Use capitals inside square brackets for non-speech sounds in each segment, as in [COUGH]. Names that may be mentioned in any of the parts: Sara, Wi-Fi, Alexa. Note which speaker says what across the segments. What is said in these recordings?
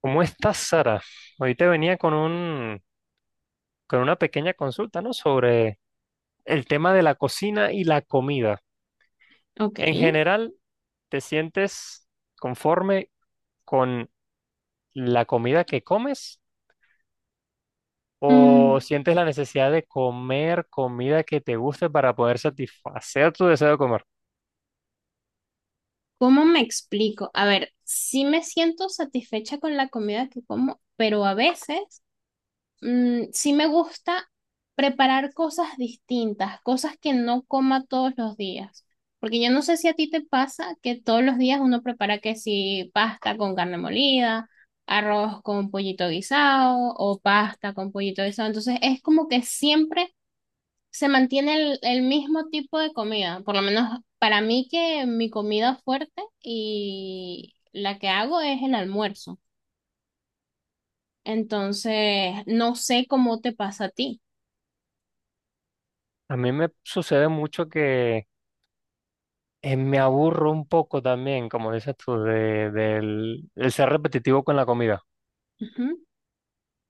Speaker 1: ¿Cómo estás, Sara? Hoy te venía con una pequeña consulta, ¿no? Sobre el tema de la cocina y la comida.
Speaker 2: Ok.
Speaker 1: En general, ¿te sientes conforme con la comida que comes o
Speaker 2: Mm,
Speaker 1: sientes la necesidad de comer comida que te guste para poder satisfacer tu deseo de comer?
Speaker 2: ¿Cómo me explico? A ver, sí me siento satisfecha con la comida que como, pero a veces sí me gusta preparar cosas distintas, cosas que no coma todos los días. Porque yo no sé si a ti te pasa que todos los días uno prepara que si pasta con carne molida, arroz con pollito guisado o pasta con pollito guisado. Entonces es como que siempre se mantiene el mismo tipo de comida, por lo menos para mí que mi comida fuerte y la que hago es el almuerzo. Entonces, no sé cómo te pasa a ti.
Speaker 1: A mí me sucede mucho que me aburro un poco también, como dices tú, de, del el ser repetitivo con la comida.
Speaker 2: Ujú.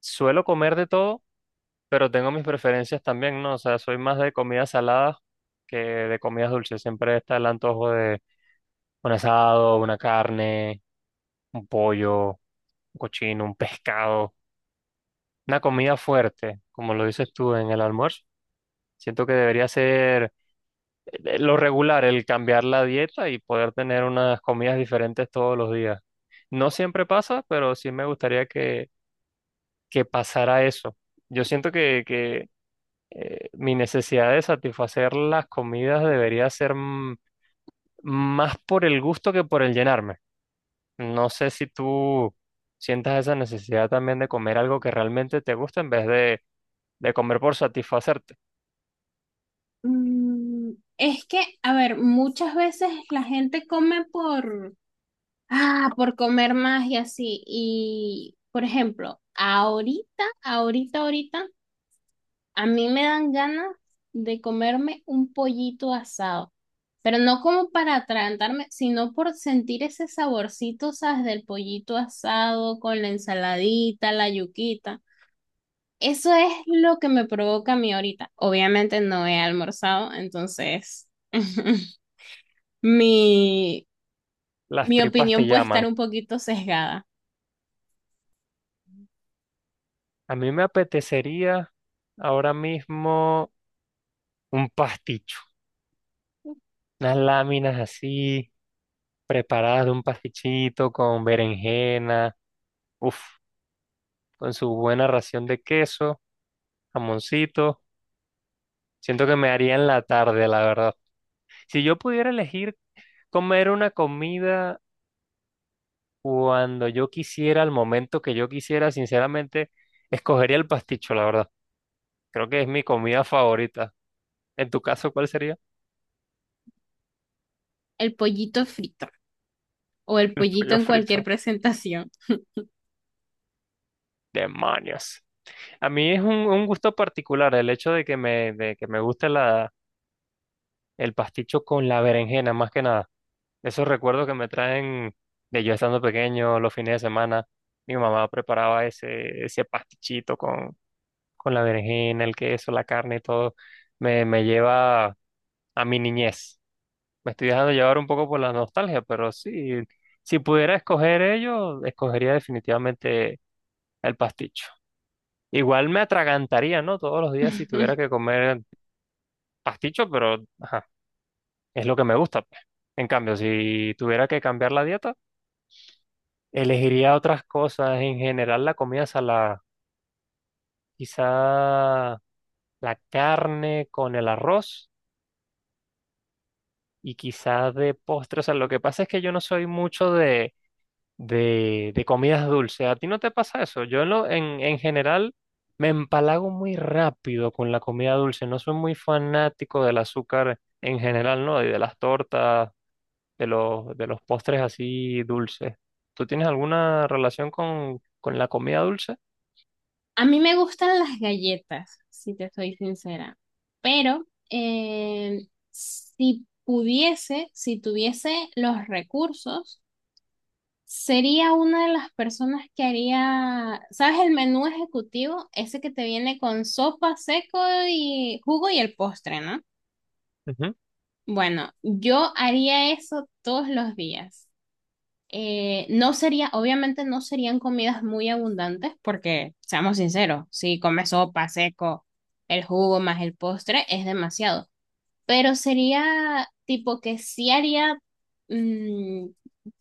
Speaker 1: Suelo comer de todo pero tengo mis preferencias también, ¿no? O sea, soy más de comidas saladas que de comidas dulces. Siempre está el antojo de un asado, una carne, un pollo, un cochino, un pescado, una comida fuerte, como lo dices tú en el almuerzo. Siento que debería ser lo regular, el cambiar la dieta y poder tener unas comidas diferentes todos los días. No siempre pasa, pero sí me gustaría que pasara eso. Yo siento que mi necesidad de satisfacer las comidas debería ser más por el gusto que por el llenarme. No sé si tú sientas esa necesidad también de comer algo que realmente te gusta en vez de comer por satisfacerte.
Speaker 2: Mm, es que, a ver, muchas veces la gente come ah, por comer más y así. Y, por ejemplo, ahorita a mí me dan ganas de comerme un pollito asado, pero no como para atragantarme, sino por sentir ese saborcito, ¿sabes? Del pollito asado con la ensaladita, la yuquita. Eso es lo que me provoca a mí ahorita. Obviamente no he almorzado, entonces [LAUGHS] mi,
Speaker 1: Las
Speaker 2: mi
Speaker 1: tripas
Speaker 2: opinión
Speaker 1: te
Speaker 2: puede estar
Speaker 1: llaman.
Speaker 2: un poquito sesgada.
Speaker 1: A mí me apetecería ahora mismo un pasticho, unas láminas así preparadas de un pastichito con berenjena, uf, con su buena ración de queso, jamoncito. Siento que me haría en la tarde, la verdad. Si yo pudiera elegir comer una comida cuando yo quisiera, al momento que yo quisiera, sinceramente, escogería el pasticho, la verdad. Creo que es mi comida favorita. En tu caso, ¿cuál sería?
Speaker 2: El pollito frito o el
Speaker 1: [LAUGHS]
Speaker 2: pollito
Speaker 1: Pollo
Speaker 2: en cualquier
Speaker 1: frito.
Speaker 2: presentación.
Speaker 1: Demonios. A mí es un gusto particular el hecho de que me guste el pasticho con la berenjena, más que nada. Esos recuerdos que me traen de yo estando pequeño, los fines de semana. Mi mamá preparaba ese pastichito con la berenjena, el queso, la carne y todo, me lleva a mi niñez. Me estoy dejando llevar un poco por la nostalgia, pero sí, si pudiera escoger ello, escogería definitivamente el pasticho. Igual me atragantaría, ¿no? Todos los días si tuviera
Speaker 2: [LAUGHS]
Speaker 1: que comer pasticho, pero ajá, es lo que me gusta, pues. En cambio, si tuviera que cambiar la dieta, elegiría otras cosas. En general, la comida salada, quizá la carne con el arroz y quizás de postres. O sea, lo que pasa es que yo no soy mucho de comidas dulces. ¿A ti no te pasa eso? Yo en, lo- En general me empalago muy rápido con la comida dulce. No soy muy fanático del azúcar en general, ¿no? Y de las tortas, de los postres así dulces. ¿Tú tienes alguna relación con la comida dulce?
Speaker 2: A mí me gustan las galletas, si te soy sincera, pero si pudiese, si tuviese los recursos, sería una de las personas que haría, ¿sabes? El menú ejecutivo, ese que te viene con sopa, seco y jugo y el postre, ¿no?
Speaker 1: Ujú.
Speaker 2: Bueno, yo haría eso todos los días. Obviamente no serían comidas muy abundantes porque, seamos sinceros, si comes sopa, seco, el jugo más el postre es demasiado, pero sería tipo que sí haría mm,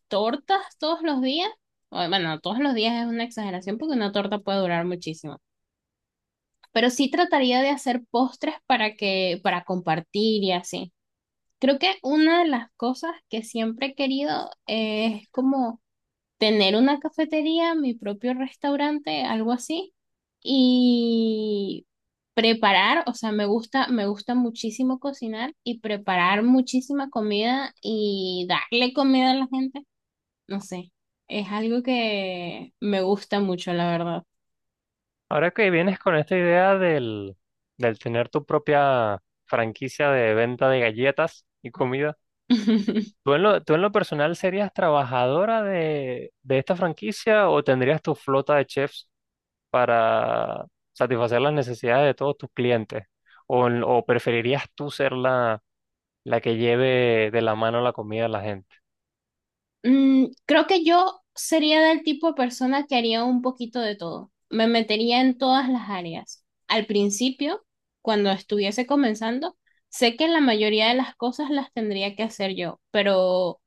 Speaker 2: tortas todos los días, o, bueno, todos los días es una exageración porque una torta puede durar muchísimo, pero sí trataría de hacer postres para para compartir y así. Creo que una de las cosas que siempre he querido es como tener una cafetería, mi propio restaurante, algo así, y preparar, o sea, me gusta muchísimo cocinar y preparar muchísima comida y darle comida a la gente, no sé, es algo que me gusta mucho, la verdad.
Speaker 1: Ahora que vienes con esta idea del tener tu propia franquicia de venta de galletas y comida,
Speaker 2: [LAUGHS]
Speaker 1: ¿tú tú en lo personal serías trabajadora de esta franquicia o tendrías tu flota de chefs para satisfacer las necesidades de todos tus clientes? ¿O, o preferirías tú ser la que lleve de la mano la comida a la gente?
Speaker 2: Creo que yo sería del tipo de persona que haría un poquito de todo. Me metería en todas las áreas. Al principio, cuando estuviese comenzando, sé que la mayoría de las cosas las tendría que hacer yo, pero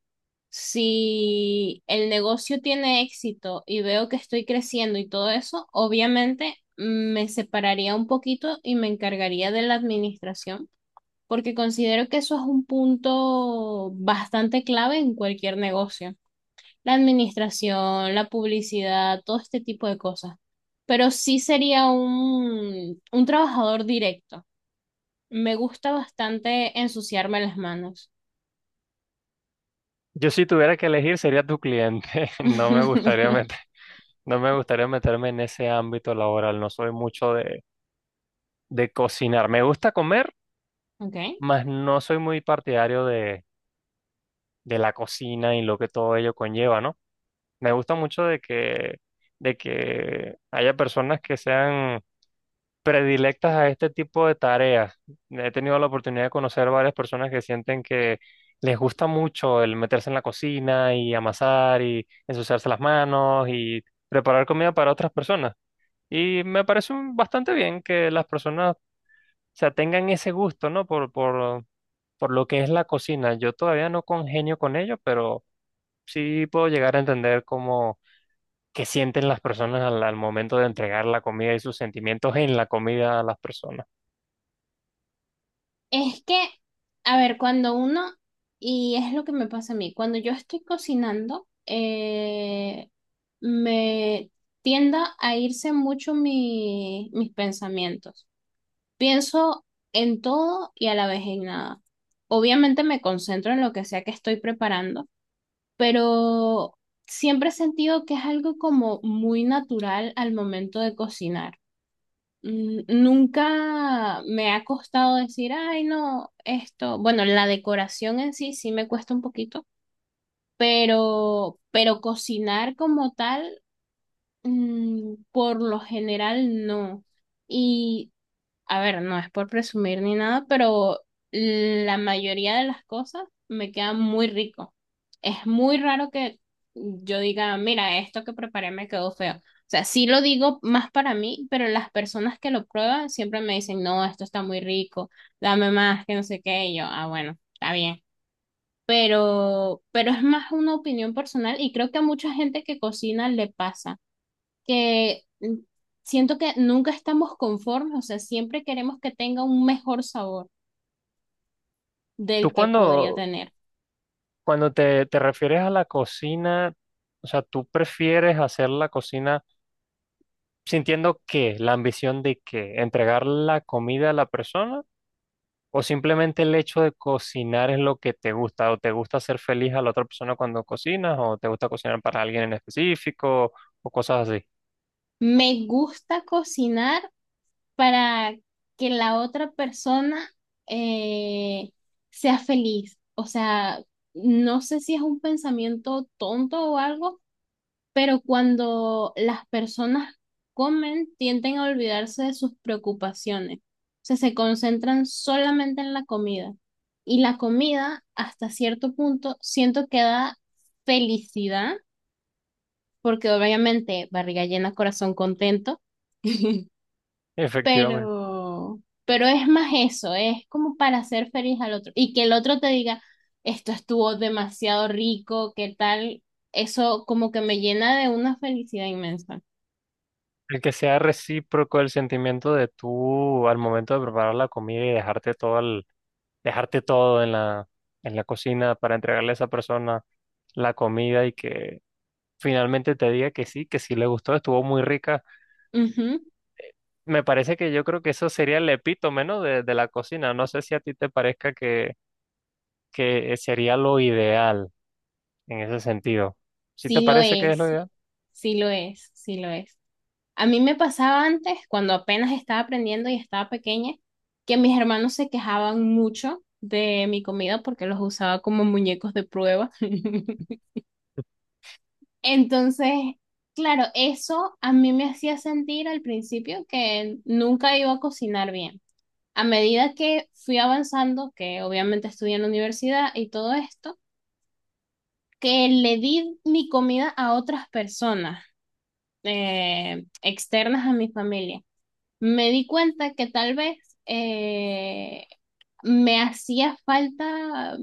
Speaker 2: si el negocio tiene éxito y veo que estoy creciendo y todo eso, obviamente me separaría un poquito y me encargaría de la administración, porque considero que eso es un punto bastante clave en cualquier negocio la administración, la publicidad, todo este tipo de cosas. Pero sí sería un trabajador directo. Me gusta bastante ensuciarme las manos.
Speaker 1: Yo si tuviera que elegir sería tu cliente. [LAUGHS]
Speaker 2: [LAUGHS]
Speaker 1: No me gustaría meterme en ese ámbito laboral. No soy mucho de cocinar. Me gusta comer,
Speaker 2: Ok.
Speaker 1: mas no soy muy partidario de la cocina y lo que todo ello conlleva, ¿no? Me gusta mucho de que haya personas que sean predilectas a este tipo de tareas. He tenido la oportunidad de conocer varias personas que sienten que les gusta mucho el meterse en la cocina y amasar y ensuciarse las manos y preparar comida para otras personas. Y me parece bastante bien que las personas, o sea, tengan ese gusto, ¿no? Por lo que es la cocina. Yo todavía no congenio con ello, pero sí puedo llegar a entender qué sienten las personas al momento de entregar la comida y sus sentimientos en la comida a las personas.
Speaker 2: Es que, a ver, y es lo que me pasa a mí, cuando yo estoy cocinando, me tienda a irse mucho mis pensamientos. Pienso en todo y a la vez en nada. Obviamente me concentro en lo que sea que estoy preparando, pero siempre he sentido que es algo como muy natural al momento de cocinar. Nunca me ha costado decir, ay, no, esto, bueno, la decoración en sí sí me cuesta un poquito, pero cocinar como tal, por lo general no. Y a ver, no es por presumir ni nada, pero la mayoría de las cosas me quedan muy rico. Es muy raro que yo diga, mira, esto que preparé me quedó feo. O sea, sí lo digo más para mí, pero las personas que lo prueban siempre me dicen, no, esto está muy rico, dame más, que no sé qué. Y yo, ah, bueno, está bien. Pero es más una opinión personal y creo que a mucha gente que cocina le pasa que siento que nunca estamos conformes, o sea, siempre queremos que tenga un mejor sabor
Speaker 1: Tú
Speaker 2: del que podría tener.
Speaker 1: cuando te refieres a la cocina, o sea, tú prefieres hacer la cocina sintiendo qué, la ambición de qué, entregar la comida a la persona o simplemente el hecho de cocinar es lo que te gusta o te gusta hacer feliz a la otra persona cuando cocinas o te gusta cocinar para alguien en específico o cosas así.
Speaker 2: Me gusta cocinar para que la otra persona eh, sea feliz, o sea, no sé si es un pensamiento tonto o algo pero cuando las personas comen, tienden a olvidarse de sus preocupaciones. O sea, se concentran solamente en la comida. Y la comida, hasta cierto punto, siento que da felicidad, porque obviamente barriga llena, corazón contento. [LAUGHS]
Speaker 1: Efectivamente.
Speaker 2: Pero, pero es más eso, es como para hacer feliz al otro. Y que el otro te diga, esto estuvo demasiado rico, ¿qué tal? Eso como que me llena de una felicidad inmensa.
Speaker 1: El que sea recíproco el sentimiento de tú al momento de preparar la comida y dejarte todo en en la cocina para entregarle a esa persona la comida y que finalmente te diga que sí le gustó, estuvo muy rica.
Speaker 2: Ujú,
Speaker 1: Me parece que yo creo que eso sería el epítome, ¿no? De la cocina. No sé si a ti te parezca que sería lo ideal en ese sentido. ¿Sí te
Speaker 2: sí lo
Speaker 1: parece que es lo
Speaker 2: es,
Speaker 1: ideal?
Speaker 2: sí lo es, sí lo es. A mí me pasaba antes, cuando apenas estaba aprendiendo y estaba pequeña, que mis hermanos se quejaban mucho de mi comida porque los usaba como muñecos de prueba. [LAUGHS] Entonces, claro, eso a mí me hacía sentir al principio que nunca iba a cocinar bien. A medida que fui avanzando, que obviamente estudié en la universidad y todo esto, que le di mi comida a otras personas externas a mi familia. Me di cuenta que tal vez eh, me hacía falta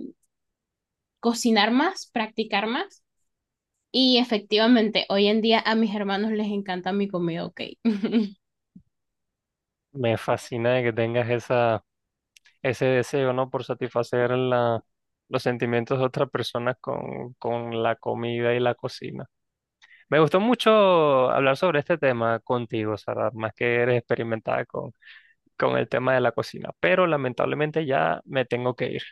Speaker 2: cocinar más, practicar más. Y efectivamente, hoy en día a mis hermanos les encanta mi comida, ok. [LAUGHS]
Speaker 1: Me fascina de que tengas esa ese deseo, ¿no? Por satisfacer los sentimientos de otras personas con la comida y la cocina. Me gustó mucho hablar sobre este tema contigo, Sara, más que eres experimentada con el tema de la cocina, pero lamentablemente ya me tengo que ir.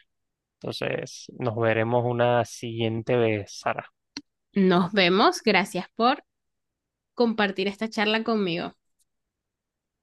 Speaker 1: Entonces, nos veremos una siguiente vez, Sara.
Speaker 2: Nos vemos. Gracias por compartir esta charla conmigo.